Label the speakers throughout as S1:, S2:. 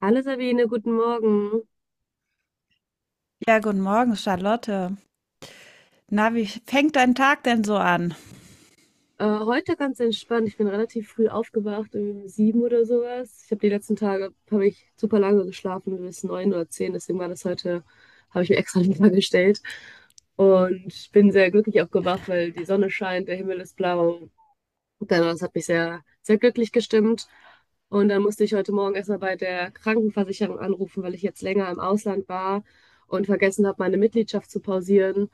S1: Hallo Sabine, guten Morgen.
S2: Ja, guten Morgen, Charlotte. Na, wie fängt dein Tag denn so an?
S1: Heute ganz entspannt. Ich bin relativ früh aufgewacht, um 7 oder sowas. Ich habe Die letzten Tage habe ich super lange geschlafen, bis 9 oder 10. Deswegen war das heute, habe ich mir extra lieber gestellt. Und bin sehr glücklich aufgewacht, weil die Sonne scheint, der Himmel ist blau. Und dann, das hat mich sehr, sehr glücklich gestimmt. Und dann musste ich heute Morgen erstmal bei der Krankenversicherung anrufen, weil ich jetzt länger im Ausland war und vergessen habe, meine Mitgliedschaft zu pausieren.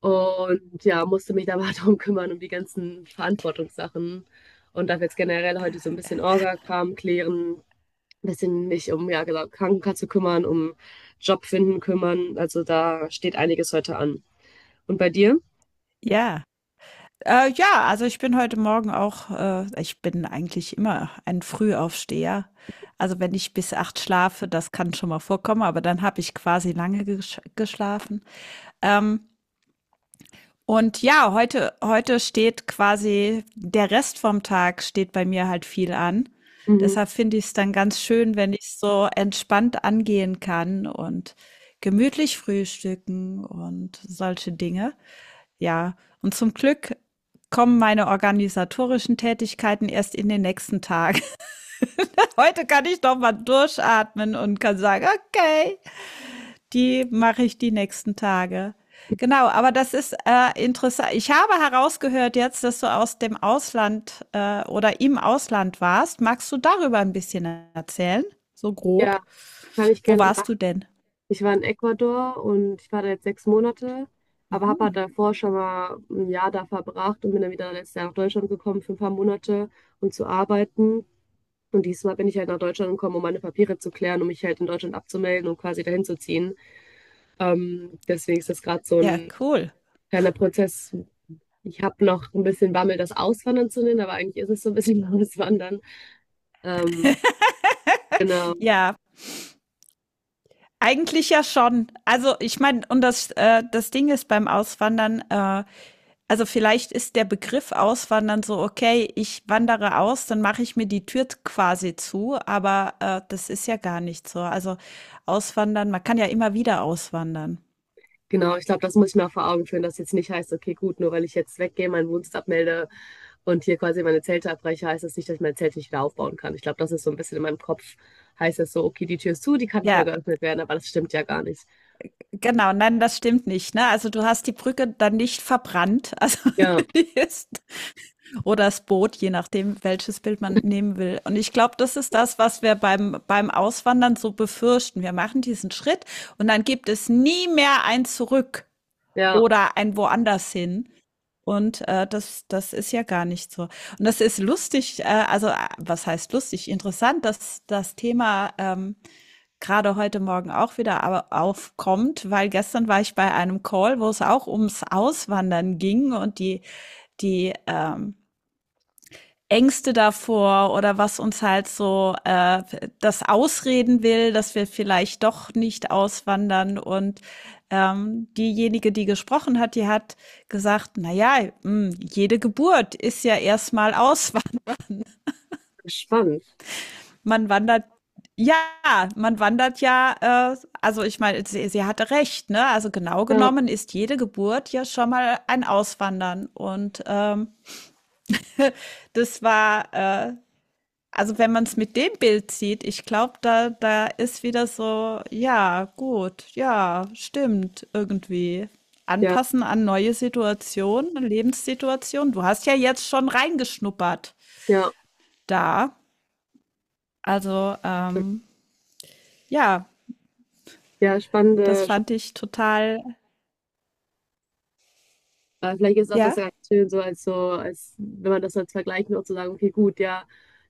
S1: Und ja, musste mich da mal drum kümmern, um die ganzen Verantwortungssachen. Und darf jetzt generell heute so ein bisschen Orga-Kram klären, ein bisschen mich um, ja, genau, Krankenkasse kümmern, um Job finden kümmern. Also da steht einiges heute an. Und bei dir?
S2: Ja. Ja, also ich bin heute Morgen auch, ich bin eigentlich immer ein Frühaufsteher. Also wenn ich bis acht schlafe, das kann schon mal vorkommen, aber dann habe ich quasi lange geschlafen. Ähm, Und ja, heute steht quasi der Rest vom Tag steht bei mir halt viel an.
S1: Mhm.
S2: Deshalb finde ich es dann ganz schön, wenn ich es so entspannt angehen kann und gemütlich frühstücken und solche Dinge. Ja, und zum Glück kommen meine organisatorischen Tätigkeiten erst in den nächsten Tag. Heute kann ich doch mal durchatmen und kann sagen, okay, die mache ich die nächsten Tage. Genau, aber das ist interessant. Ich habe herausgehört jetzt, dass du aus dem Ausland oder im Ausland warst. Magst du darüber ein bisschen erzählen? So
S1: Ja,
S2: grob.
S1: kann ich
S2: Wo
S1: gerne
S2: warst du
S1: machen.
S2: denn?
S1: Ich war in Ecuador und ich war da jetzt 6 Monate, aber habe halt
S2: Mhm.
S1: davor schon mal ein Jahr da verbracht und bin dann wieder letztes Jahr nach Deutschland gekommen für ein paar Monate, um zu arbeiten. Und diesmal bin ich halt nach Deutschland gekommen, um meine Papiere zu klären, um mich halt in Deutschland abzumelden und quasi dahin zu ziehen. Deswegen ist das gerade so
S2: Ja,
S1: ein
S2: cool.
S1: kleiner Prozess. Ich habe noch ein bisschen Bammel, das Auswandern zu nennen, aber eigentlich ist es so ein bisschen Auswandern. Ähm, genau,
S2: Ja, eigentlich ja schon. Also ich meine, und das Ding ist beim Auswandern. Vielleicht ist der Begriff Auswandern so: okay, ich wandere aus, dann mache ich mir die Tür quasi zu, aber das ist ja gar nicht so. Also Auswandern, man kann ja immer wieder auswandern.
S1: genau. Ich glaube, das muss ich mir auch vor Augen führen, dass jetzt nicht heißt, okay, gut, nur weil ich jetzt weggehe, meinen Wohnsitz abmelde und hier quasi meine Zelte abbreche, heißt das nicht, dass ich mein Zelt nicht wieder aufbauen kann. Ich glaube, das ist so ein bisschen in meinem Kopf, heißt das so, okay, die Tür ist zu, die kann nicht mehr
S2: Ja,
S1: geöffnet werden, aber das stimmt ja gar nicht.
S2: genau, nein, das stimmt nicht, ne? Also du hast die Brücke dann nicht verbrannt, also
S1: Ja,
S2: die ist, oder das Boot, je nachdem, welches Bild man nehmen will. Und ich glaube, das ist das, was wir beim Auswandern so befürchten. Wir machen diesen Schritt und dann gibt es nie mehr ein Zurück.
S1: ja,
S2: Oder ein woanders hin. Und das ist ja gar nicht so. Und das ist lustig, also, a was heißt lustig? Interessant, dass das Thema grade heute Morgen auch wieder aber aufkommt, weil gestern war ich bei einem Call, wo es auch ums Auswandern ging, und die Ängste davor oder was uns halt so das ausreden will, dass wir vielleicht doch nicht auswandern. Und diejenige, die gesprochen hat, die hat gesagt: Naja, jede Geburt ist ja erstmal Auswand.
S1: spannend.
S2: Man wandert, ja, man wandert ja, also ich meine, sie hatte recht, ne? Also genau
S1: Ja,
S2: genommen ist jede Geburt ja schon mal ein Auswandern. Und das war Also wenn man es mit dem Bild sieht, ich glaube, da ist wieder so, ja, gut, ja, stimmt, irgendwie.
S1: ja,
S2: Anpassen an neue Situationen, Lebenssituationen. Du hast ja jetzt schon reingeschnuppert
S1: ja,
S2: da. Also, ähm, ja,
S1: ja,
S2: das
S1: spannende.
S2: fand ich total,
S1: Vielleicht ist auch das
S2: ja.
S1: ganz schön, so, als wenn man das als Vergleich nur zu sagen, okay, gut, ja,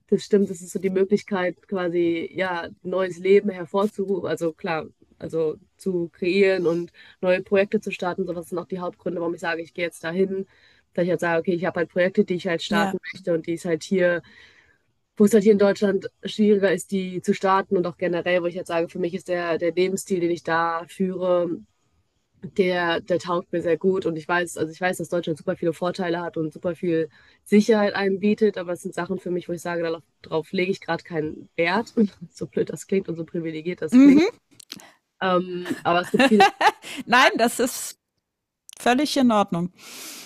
S1: das stimmt, das ist so die Möglichkeit, quasi, ja, neues Leben hervorzurufen, also klar, also zu kreieren und neue Projekte zu starten, sowas sind auch die Hauptgründe, warum ich sage, ich gehe jetzt dahin, dass ich halt sage, okay, ich habe halt Projekte, die ich halt
S2: Ja.
S1: starten möchte und die ist halt hier, wo es halt hier in Deutschland schwieriger ist, die zu starten und auch generell, wo ich halt sage, für mich ist der Lebensstil, den ich da führe, der taugt mir sehr gut und ich weiß, also ich weiß, dass Deutschland super viele Vorteile hat und super viel Sicherheit einem bietet, aber es sind Sachen für mich, wo ich sage, darauf lege ich gerade keinen Wert. So blöd das klingt und so privilegiert das klingt.
S2: Mhm.
S1: Aber es gibt viele.
S2: Nein, das ist völlig in Ordnung.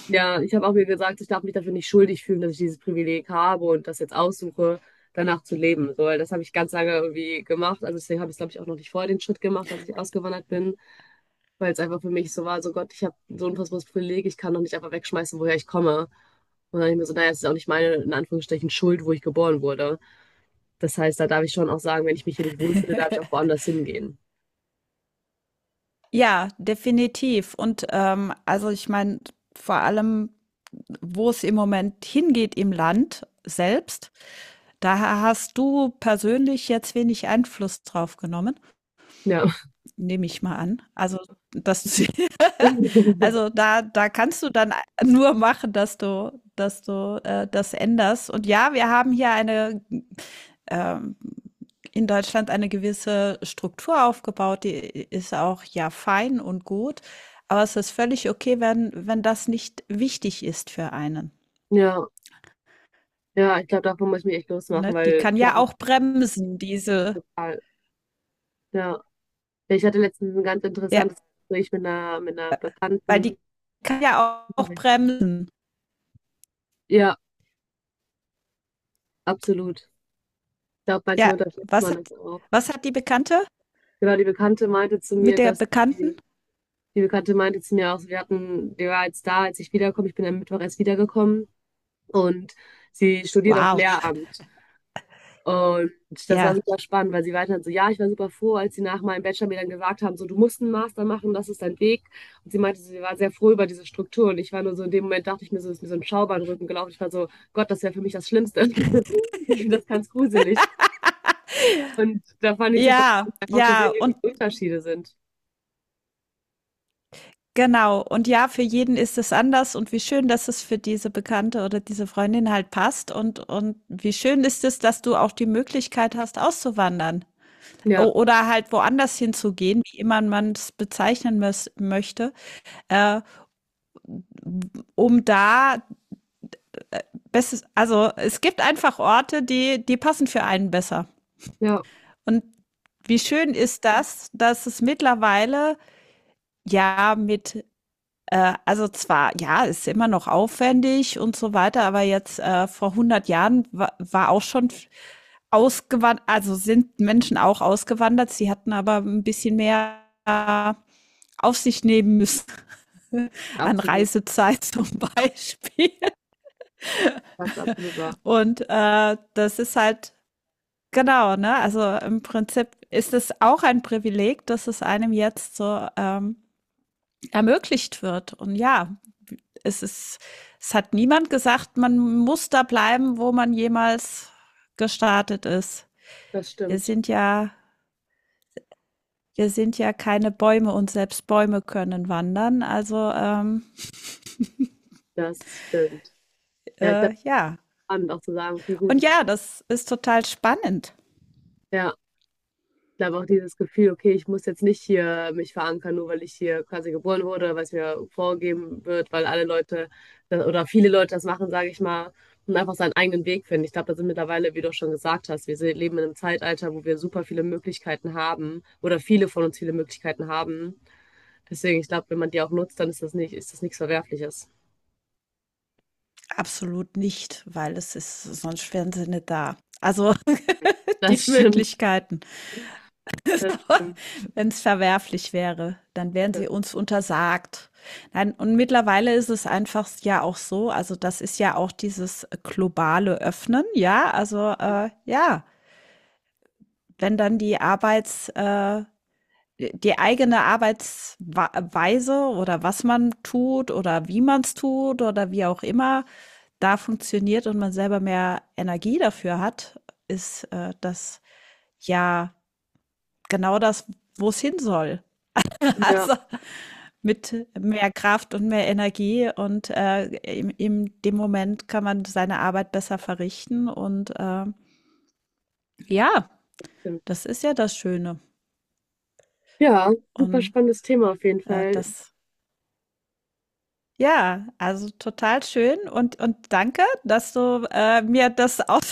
S1: Ja, ich habe auch mir gesagt, ich darf mich dafür nicht schuldig fühlen, dass ich dieses Privileg habe und das jetzt aussuche, danach zu leben. So, weil das habe ich ganz lange irgendwie gemacht. Also deswegen habe ich, glaube ich, auch noch nicht vorher den Schritt gemacht, als ich ausgewandert bin, weil es einfach für mich so war, so Gott, ich habe so ein unfassbares Privileg, ich kann doch nicht einfach wegschmeißen, woher ich komme. Und dann habe ich mir so, naja, es ist auch nicht meine, in Anführungsstrichen, Schuld, wo ich geboren wurde. Das heißt, da darf ich schon auch sagen, wenn ich mich hier nicht wohlfühle, darf ich auch woanders hingehen.
S2: Ja, definitiv. Und also ich meine, vor allem, wo es im Moment hingeht im Land selbst, da hast du persönlich jetzt wenig Einfluss drauf genommen,
S1: Ja.
S2: nehme ich mal an. Also das, also da, da kannst du dann nur machen, dass dass du das änderst. Und ja, wir haben hier eine ähm, in Deutschland eine gewisse Struktur aufgebaut, die ist auch ja fein und gut, aber es ist völlig okay, wenn das nicht wichtig ist für einen.
S1: Ja, ja, ich glaube, davon muss ich mich echt
S2: Ne?
S1: losmachen,
S2: Die
S1: weil
S2: kann
S1: klar,
S2: ja
S1: ich
S2: auch bremsen, diese,
S1: total, ja. Ich hatte letztens ein ganz
S2: ja,
S1: interessantes Gespräch mit einer
S2: weil
S1: Bekannten.
S2: die kann ja auch bremsen.
S1: Ja, absolut. Ich glaube, manchmal
S2: Ja,
S1: unterschätzt
S2: was
S1: man
S2: hat,
S1: das auch.
S2: was hat die Bekannte
S1: Genau, die Bekannte meinte zu mir,
S2: mit der
S1: dass
S2: Bekannten?
S1: die, die Bekannte meinte zu mir auch, wir hatten, die war jetzt da, als ich wiederkomme. Ich bin am Mittwoch erst wiedergekommen und sie studiert auf
S2: Wow,
S1: Lehramt. Und das war
S2: ja.
S1: super spannend, weil sie weiter so, ja, ich war super froh, als sie nach meinem Bachelor mir dann gesagt haben, so, du musst einen Master machen, das ist dein Weg. Und sie meinte, so, sie war sehr froh über diese Struktur. Und ich war nur so, in dem Moment dachte ich mir so, ist mir so ein Schauer in den Rücken gelaufen. Ich war so, Gott, das wäre für mich das Schlimmste. Ich finde das ganz gruselig. Und da fand ich super
S2: Ja,
S1: spannend, einfach zu sehen, wie die Unterschiede sind.
S2: Genau. Und ja, für jeden ist es anders, und wie schön, dass es für diese Bekannte oder diese Freundin halt passt, und wie schön ist es, dass du auch die Möglichkeit hast, auszuwandern o
S1: Ja,
S2: oder halt woanders hinzugehen, wie immer man es bezeichnen mös möchte, äh, um da bestes also, es gibt einfach Orte, die die passen für einen besser.
S1: ja,
S2: Und wie schön ist das, dass es mittlerweile, ja, mit also zwar, ja, ist immer noch aufwendig und so weiter, aber jetzt vor 100 Jahren wa war auch schon ausgewandert, also sind Menschen auch ausgewandert, sie hatten aber ein bisschen mehr äh, auf sich nehmen müssen. An
S1: absolut.
S2: Reisezeit zum Beispiel.
S1: Das ist absolut wahr.
S2: Und das ist halt, genau, ne? Also im Prinzip ist es auch ein Privileg, dass es einem jetzt so ermöglicht wird. Und ja, es ist, es hat niemand gesagt, man muss da bleiben, wo man jemals gestartet ist.
S1: Das
S2: Wir
S1: stimmt.
S2: sind ja, wir sind ja keine Bäume, und selbst Bäume können wandern.
S1: Das stimmt. Ja, ich dachte,
S2: Ja.
S1: spannend auch zu sagen, okay, gut,
S2: Und
S1: ich,
S2: ja, das ist total spannend.
S1: ja. Ich glaube auch dieses Gefühl, okay, ich muss jetzt nicht hier mich verankern, nur weil ich hier quasi geboren wurde, weil es mir vorgegeben wird, weil alle Leute oder viele Leute das machen, sage ich mal, und einfach seinen eigenen Weg finden. Ich glaube, da sind mittlerweile, wie du auch schon gesagt hast, wir leben in einem Zeitalter, wo wir super viele Möglichkeiten haben oder viele von uns viele Möglichkeiten haben. Deswegen, ich glaube, wenn man die auch nutzt, dann ist das nicht, ist das nichts Verwerfliches.
S2: Absolut nicht, weil es ist, sonst wären sie nicht da. Also
S1: Das
S2: die
S1: stimmt.
S2: Möglichkeiten.
S1: Das stimmt.
S2: Wenn es verwerflich wäre, dann wären sie uns untersagt. Nein, und mittlerweile ist es einfach ja auch so, also das ist ja auch dieses globale Öffnen, ja, ja, wenn dann die eigene Arbeitsweise oder was man tut oder wie man es tut oder wie auch immer da funktioniert und man selber mehr Energie dafür hat, ist das ja genau das, wo es hin soll.
S1: Ja,
S2: Also mit mehr Kraft und mehr Energie und, in dem Moment kann man seine Arbeit besser verrichten und, ja,
S1: stimmt.
S2: das ist ja das Schöne
S1: Ja, super
S2: und,
S1: spannendes Thema auf jeden Fall.
S2: das ja, also total schön und danke, dass du, mir das aus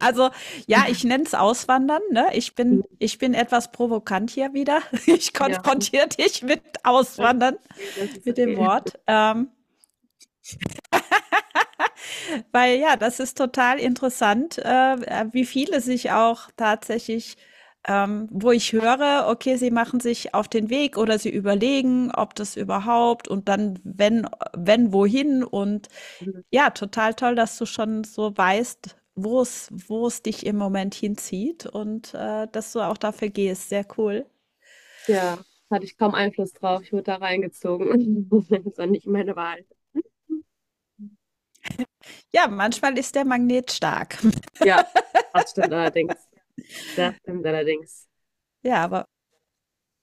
S2: also, ja, ich nenne es Auswandern, ne? Ich bin etwas provokant hier wieder. Ich
S1: Ja.
S2: konfrontiere dich mit
S1: Das ist
S2: Auswandern,
S1: okay, das ist
S2: mit dem
S1: okay.
S2: Wort. Weil ja, das ist total interessant, wie viele sich auch tatsächlich, wo ich höre, okay, sie machen sich auf den Weg oder sie überlegen, ob das überhaupt und dann wenn wohin, und
S1: Mhm.
S2: ja, total toll, dass du schon so weißt, wo es dich im Moment hinzieht, und dass du auch dafür gehst. Sehr cool.
S1: Ja, hatte ich kaum Einfluss drauf. Ich wurde da reingezogen. Das war nicht meine Wahl.
S2: Ja, manchmal ist der Magnet stark.
S1: Ja, das stimmt allerdings. Das stimmt allerdings.
S2: Ja, aber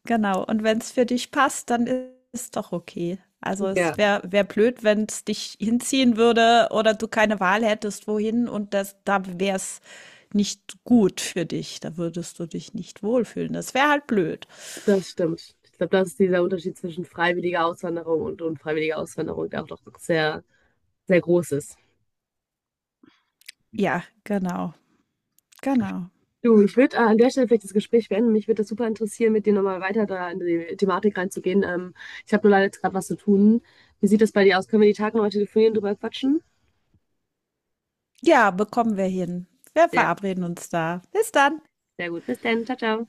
S2: genau, und wenn es für dich passt, dann ist doch okay. Also,
S1: Ja,
S2: es wäre wäre blöd, wenn es dich hinziehen würde oder du keine Wahl hättest, wohin, und das da wäre es nicht gut für dich. Da würdest du dich nicht wohlfühlen. Das wäre halt blöd.
S1: das stimmt. Ich glaube, das ist dieser Unterschied zwischen freiwilliger Auswanderung und unfreiwilliger Auswanderung, der auch doch sehr, sehr groß ist.
S2: Ja, genau, genau.
S1: Du, ich würde an der Stelle vielleicht das Gespräch beenden. Mich würde das super interessieren, mit dir nochmal weiter da in die Thematik reinzugehen. Ich habe nur leider jetzt gerade was zu tun. Wie sieht das bei dir aus? Können wir die Tage nochmal telefonieren, drüber quatschen?
S2: Ja, bekommen wir hin. Wir
S1: Sehr
S2: verabreden uns da. Bis dann.
S1: Sehr gut. Bis dann. Ciao, ciao.